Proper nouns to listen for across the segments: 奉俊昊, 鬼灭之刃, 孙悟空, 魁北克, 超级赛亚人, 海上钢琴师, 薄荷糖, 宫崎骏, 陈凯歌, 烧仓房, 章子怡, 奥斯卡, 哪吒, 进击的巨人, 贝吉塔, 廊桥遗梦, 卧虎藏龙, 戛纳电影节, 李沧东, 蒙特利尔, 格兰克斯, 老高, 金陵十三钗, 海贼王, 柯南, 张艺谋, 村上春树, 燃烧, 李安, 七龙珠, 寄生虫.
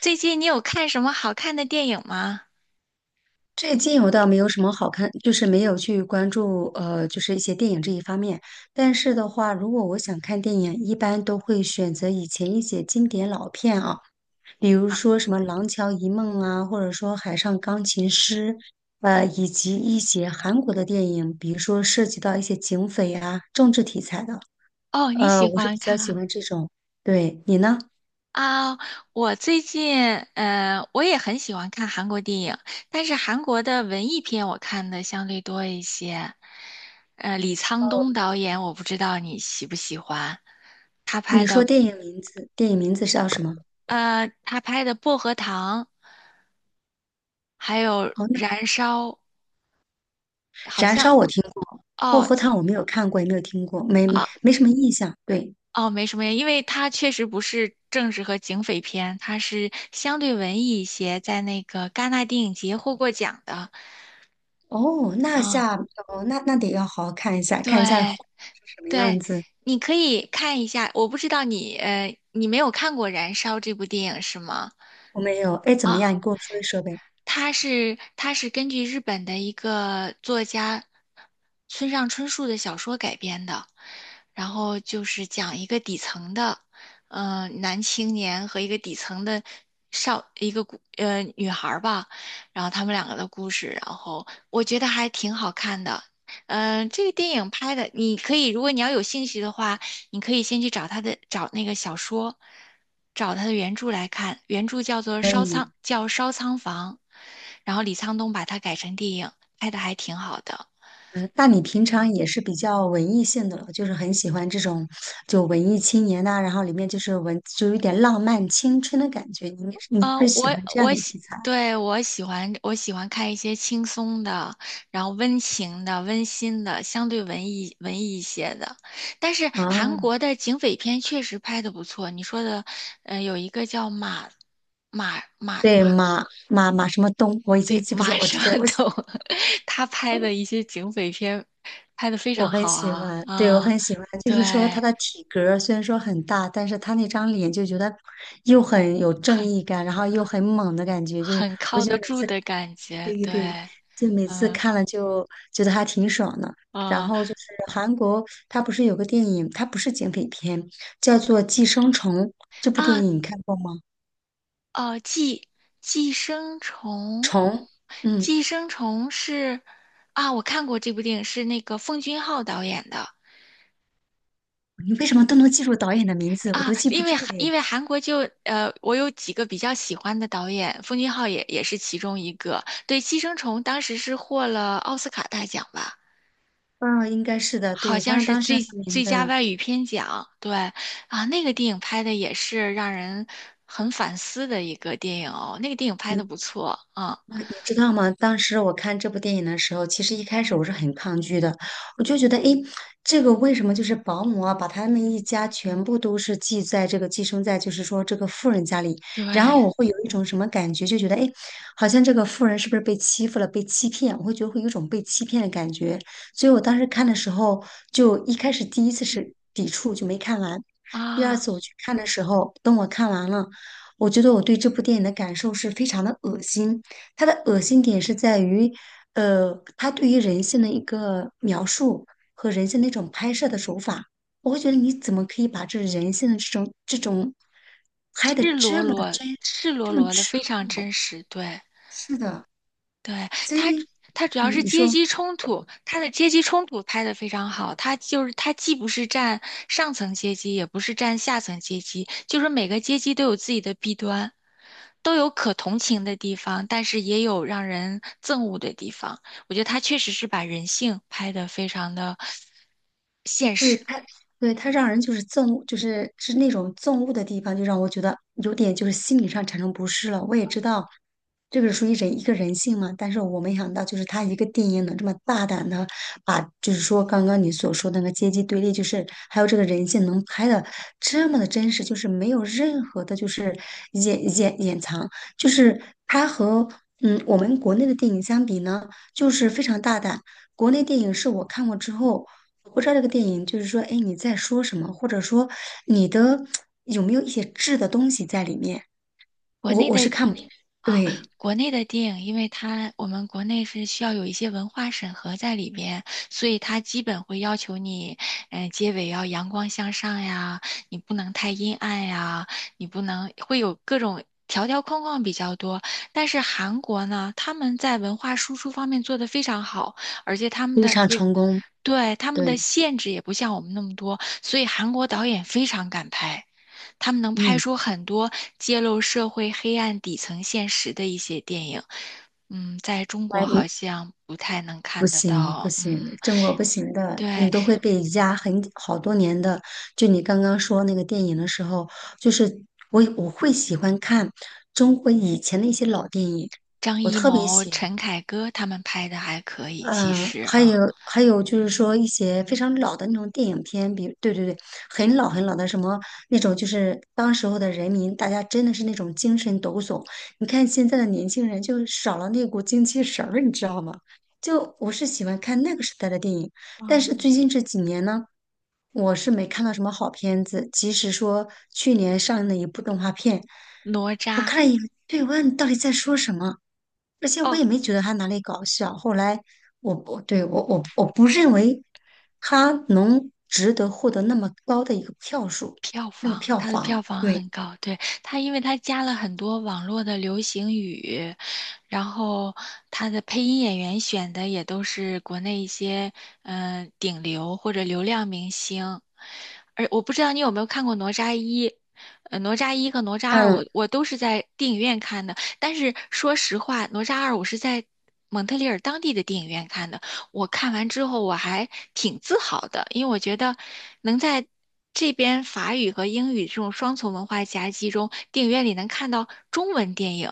最近你有看什么好看的电影吗？最近我倒没有什么好看，就是没有去关注就是一些电影这一方面。但是的话，如果我想看电影，一般都会选择以前一些经典老片啊，比如啊，说什么《廊桥遗梦》啊，或者说《海上钢琴师》，以及一些韩国的电影，比如说涉及到一些警匪啊、政治题材的，哦，你喜我是欢比较看喜啊？欢这种。对，你呢？啊，我最近，我也很喜欢看韩国电影，但是韩国的文艺片我看的相对多一些。李沧东导演，我不知道你喜不喜欢，他拍你说的，电影名字，电影名字是叫什么？他拍的《薄荷糖》，还有哦，那《燃烧》，好燃像，烧我听过，薄哦，荷糖我没有看过，也没有听过，没啊没什么印象。对，哦，没什么呀，因为它确实不是政治和警匪片，它是相对文艺一些，在那个戛纳电影节获过奖的。哦，那嗯，下哦，那得要好好看一下，看一下后对面是什么样对，子。你可以看一下。我不知道你没有看过《燃烧》这部电影是吗？我没有，哎，怎么样？啊。你跟我说一说呗。它是根据日本的一个作家村上春树的小说改编的，然后就是讲一个底层的，男青年和一个底层的少一个姑呃女孩儿吧，然后他们两个的故事，然后我觉得还挺好看的。嗯、这个电影拍的，你可以，如果你要有兴趣的话，你可以先去找他的，找那个小说，找他的原著来看。原著叫做可《烧仓》，以，叫《烧仓房》，然后李沧东把它改成电影，拍的还挺好的。嗯，那你平常也是比较文艺性的了，就是很喜欢这种就文艺青年呐、然后里面就是文，就有点浪漫青春的感觉。你呃，会喜欢我这样我的喜，题材对，我喜欢看一些轻松的，然后温情的、温馨的，相对文艺一些的。但是韩啊？国的警匪片确实拍的不错。你说的，有一个叫马马马对，马。马马马什么东，我已经对，记不起，马我知上道，我。懂。他拍的一些警匪片拍的非我常很好喜啊欢，对，我啊，很喜欢，就对，是说他的体格儿虽然说很大，但是他那张脸就觉得又很有正义很感，然后又很猛的感觉，就是很我靠觉得得每住次，的感觉，对对对，对，就每次嗯看了就觉得还挺爽的。然后嗯就是韩国，它不是有个电影，它不是警匪片，叫做《寄生虫》，这部电啊影你看过吗？哦，寄生虫，虫，嗯，寄生虫是啊，我看过这部电影，是那个奉俊昊导演的，你为什么都能记住导演的名字，我都啊，记不因为住韩因哎。为韩国就我有几个比较喜欢的导演，奉俊昊也是其中一个。对，《寄生虫》当时是获了奥斯卡大奖吧，嗯，应该是的，好对，反像正是当时最很有名最佳的。外语片奖。对啊，那个电影拍的也是让人很反思的一个电影哦，那个电影拍的不错啊，你知道吗？当时我看这部电影的时候，其实一开始我是很抗拒的，我就觉得，诶，这个为什么就是保姆啊，把他们一家全部都是寄在这个寄生在，就是说这个富人家里，对然后我会有一种什么感觉，就觉得，诶，好像这个富人是不是被欺负了，被欺骗？我会觉得会有一种被欺骗的感觉，所以我当时看的时候，就一开始第一次是抵触，就没看完。第二啊，次我去看的时候，等我看完了，我觉得我对这部电影的感受是非常的恶心。他的恶心点是在于，他对于人性的一个描述和人性的一种拍摄的手法，我会觉得你怎么可以把这人性的这种拍的赤裸这么的裸真实赤裸这么裸的非赤裸，常真实，对是的，对，所他，以，他主嗯，要是你阶说。级冲突，他的阶级冲突拍得非常好。他就是他既不是占上层阶级，也不是占下层阶级，就是每个阶级都有自己的弊端，都有可同情的地方，但是也有让人憎恶的地方。我觉得他确实是把人性拍得非常的现对实。他，对他让人就是憎恶，就是是那种憎恶的地方，就让我觉得有点就是心理上产生不适了。我也知道这个属于人一个人性嘛，但是我没想到就是他一个电影能这么大胆的把，就是说刚刚你所说的那个阶级对立，就是还有这个人性能拍的这么的真实，就是没有任何的就是掩藏，就是他和嗯我们国内的电影相比呢，就是非常大胆。国内电影是我看过之后，我不知道这个电影就是说，哎，你在说什么，或者说你的有没有一些质的东西在里面，国我内我是的看不明白哦，对，国内的电影，因为我们国内是需要有一些文化审核在里边，所以它基本会要求你，结尾要阳光向上呀，你不能太阴暗呀，你不能会有各种条条框框比较多。但是韩国呢，他们在文化输出方面做得非常好，而且他们非的常这个，成功，对，他们的对，限制也不像我们那么多，所以韩国导演非常敢拍。他们能拍嗯，出很多揭露社会黑暗底层现实的一些电影。嗯，在中国万好一像不太能不看得行不到。嗯，行，中国不行的，对，你都会被压很好多年的。就你刚刚说那个电影的时候，就是我会喜欢看中国以前的一些老电影，张我艺特别谋、喜欢。陈凯歌他们拍的还可以，其嗯，实还有啊，还有就是说一些非常老的那种电影片，比如对对对，很老很老的什么那种，就是当时候的人民，大家真的是那种精神抖擞。你看现在的年轻人就少了那股精气神儿，你知道吗？就我是喜欢看那个时代的电影，但是嗯，最近这几年呢，我是没看到什么好片子。即使说去年上映的一部动画片，哪我吒。看了一眼，对，我问你到底在说什么？而且我哦，也没觉得他哪里搞笑。后来我我对我我我不认为他能值得获得那么高的一个票数，票那个房，票它的票房。房对，很高，对，因为它加了很多网络的流行语，然后它的配音演员选的也都是国内一些顶流或者流量明星，而我不知道你有没有看过《哪吒一》，《哪吒一》和《哪吒二》嗯，我都是在电影院看的，但是说实话，《哪吒二》我是在蒙特利尔当地的电影院看的。我看完之后我还挺自豪的，因为我觉得能在这边法语和英语这种双重文化夹击中，电影院里能看到中文电影，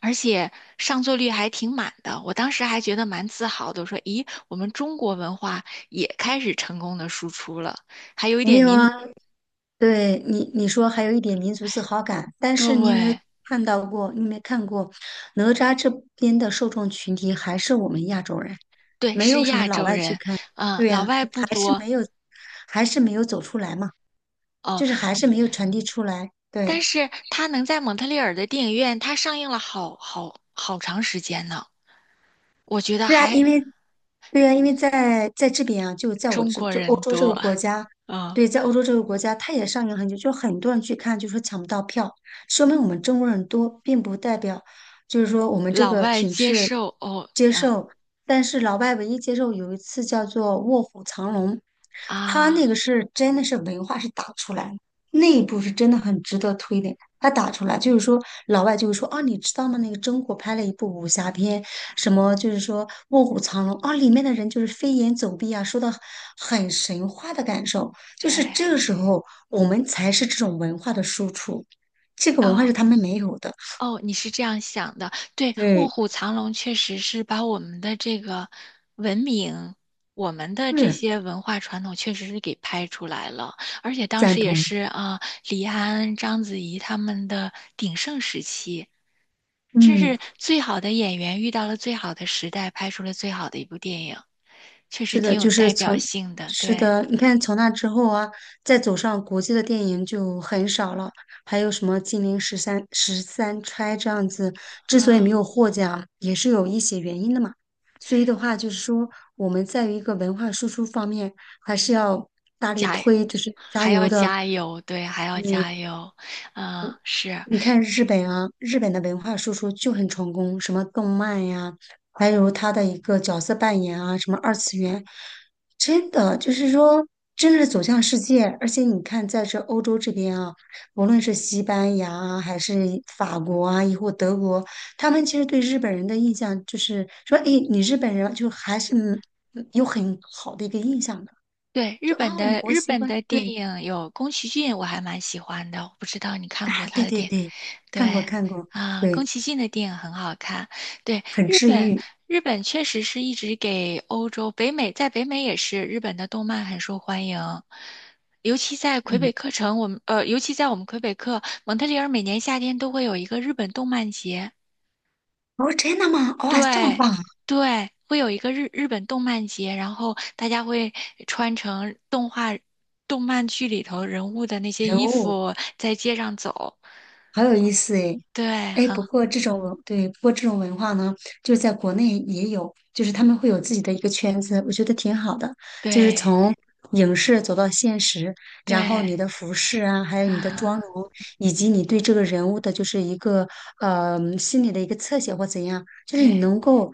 而且上座率还挺满的。我当时还觉得蛮自豪的，我说：“咦，我们中国文化也开始成功的输出了，还有一没点有啊。民，对你说还有一点民族自豪感，但是你有没有对看到过？你有没有看过哪吒这边的受众群体还是我们亚洲人，对，没是有什么亚老洲外去人，看。嗯，对老呀，外不还是多。”没有，还是没有走出来嘛，哦，就是还对，是没有传递出来。但对。是他能在蒙特利尔的电影院，他上映了好好好长时间呢。我觉得对啊，还因为对啊，因为在这边啊，就在我中这国就欧人洲这个多国家，啊，对，在欧洲这个国家，它也上映很久，就很多人去看，就说抢不到票，说明我们中国人多，并不代表就是说我们这老个外品接质受哦接啊受。但是老外唯一接受有一次叫做《卧虎藏龙》，他啊，那个是真的是文化是打出来的，那一部是真的很值得推的。他打出来就是说，老外就会说啊，你知道吗？那个中国拍了一部武侠片。什么就是说《卧虎藏龙》啊，里面的人就是飞檐走壁啊，说的很神话的感受，就对是这个时候我们才是这种文化的输出，这个文化哦是他们没有的。哦，你是这样想的，对，卧对，虎藏龙确实是把我们的这个文明，我们的这是些文化传统确实是给拍出来了，而且当赞时也同。是啊，李安、章子怡他们的鼎盛时期，真嗯。是最好的演员遇到了最好的时代，拍出了最好的一部电影，确实是的，挺有就代是表从，性的，是对。的，你看从那之后啊，再走上国际的电影就很少了，还有什么《金陵十三钗》这样子，之所以没啊，有获奖，也是有一些原因的嘛。所以的话，就是说我们在于一个文化输出方面，还是要大力加，推，就是加还要油的。加油，对，还要嗯，加油，啊，是，你看日本啊，日本的文化输出就很成功，什么动漫呀，还有他的一个角色扮演啊，什么二次元，真的就是说，真的是走向世界。而且你看，在这欧洲这边啊，无论是西班牙啊，还是法国啊，亦或德国，他们其实对日本人的印象就是说，哎，你日本人就还是嗯有很好的一个印象的，对，日就啊，本的我日喜本欢，的电对，影有宫崎骏，我还蛮喜欢的，我不知道你看过啊，他对的对电影，对，看过对，看过，啊，对，宫崎骏的电影很好看，对，很日治本愈，日本确实是一直给欧洲、北美，在北美也是日本的动漫很受欢迎，尤其在魁北嗯。克城，我们尤其在我们魁北克，蒙特利尔每年夏天都会有一个日本动漫节。哦，真的吗？哦哇、这么对棒啊对，会有一个日本动漫节，然后大家会穿成动画、动漫剧里头人物的那些人衣物服，在街上走。好有意思诶。对，哎，不很过这种文，对，不过这种文化呢，就是在国内也有，就是他们会有自己的一个圈子，我觉得挺好的。就是对从影视走到现实，然后对你的服饰啊，还有你的妆啊，容，以及你对这个人物的，就是一个心理的一个侧写或怎样，就是你对能够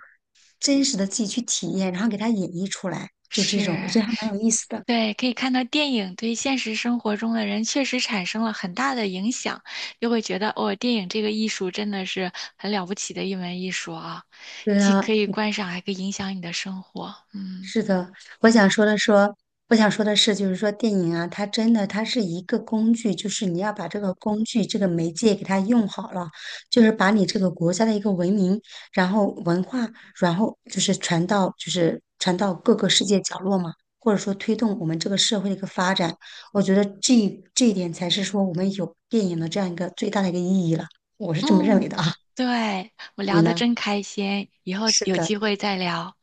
真实的自己去体验，然后给它演绎出来，就这种，我是，觉得还蛮有意思的。对，可以看到电影对现实生活中的人确实产生了很大的影响，又会觉得哦，电影这个艺术真的是很了不起的一门艺术啊，对既啊，可以观赏，还可以影响你的生活。嗯是的，我想嗯。说的说，我想说的是，就是说电影啊，它真的它是一个工具，就是你要把这个工具这个媒介给它用好了，就是把你这个国家的一个文明，然后文化，然后就是传到各个世界角落嘛，或者说推动我们这个社会的一个发展，我觉得这一点才是说我们有电影的这样一个最大的一个意义了，我是这么认为嗯，的啊，对，我你聊得呢？真开心，以后是有的，机会再聊。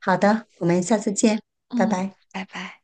好的，我们下次见，拜嗯，拜。拜拜。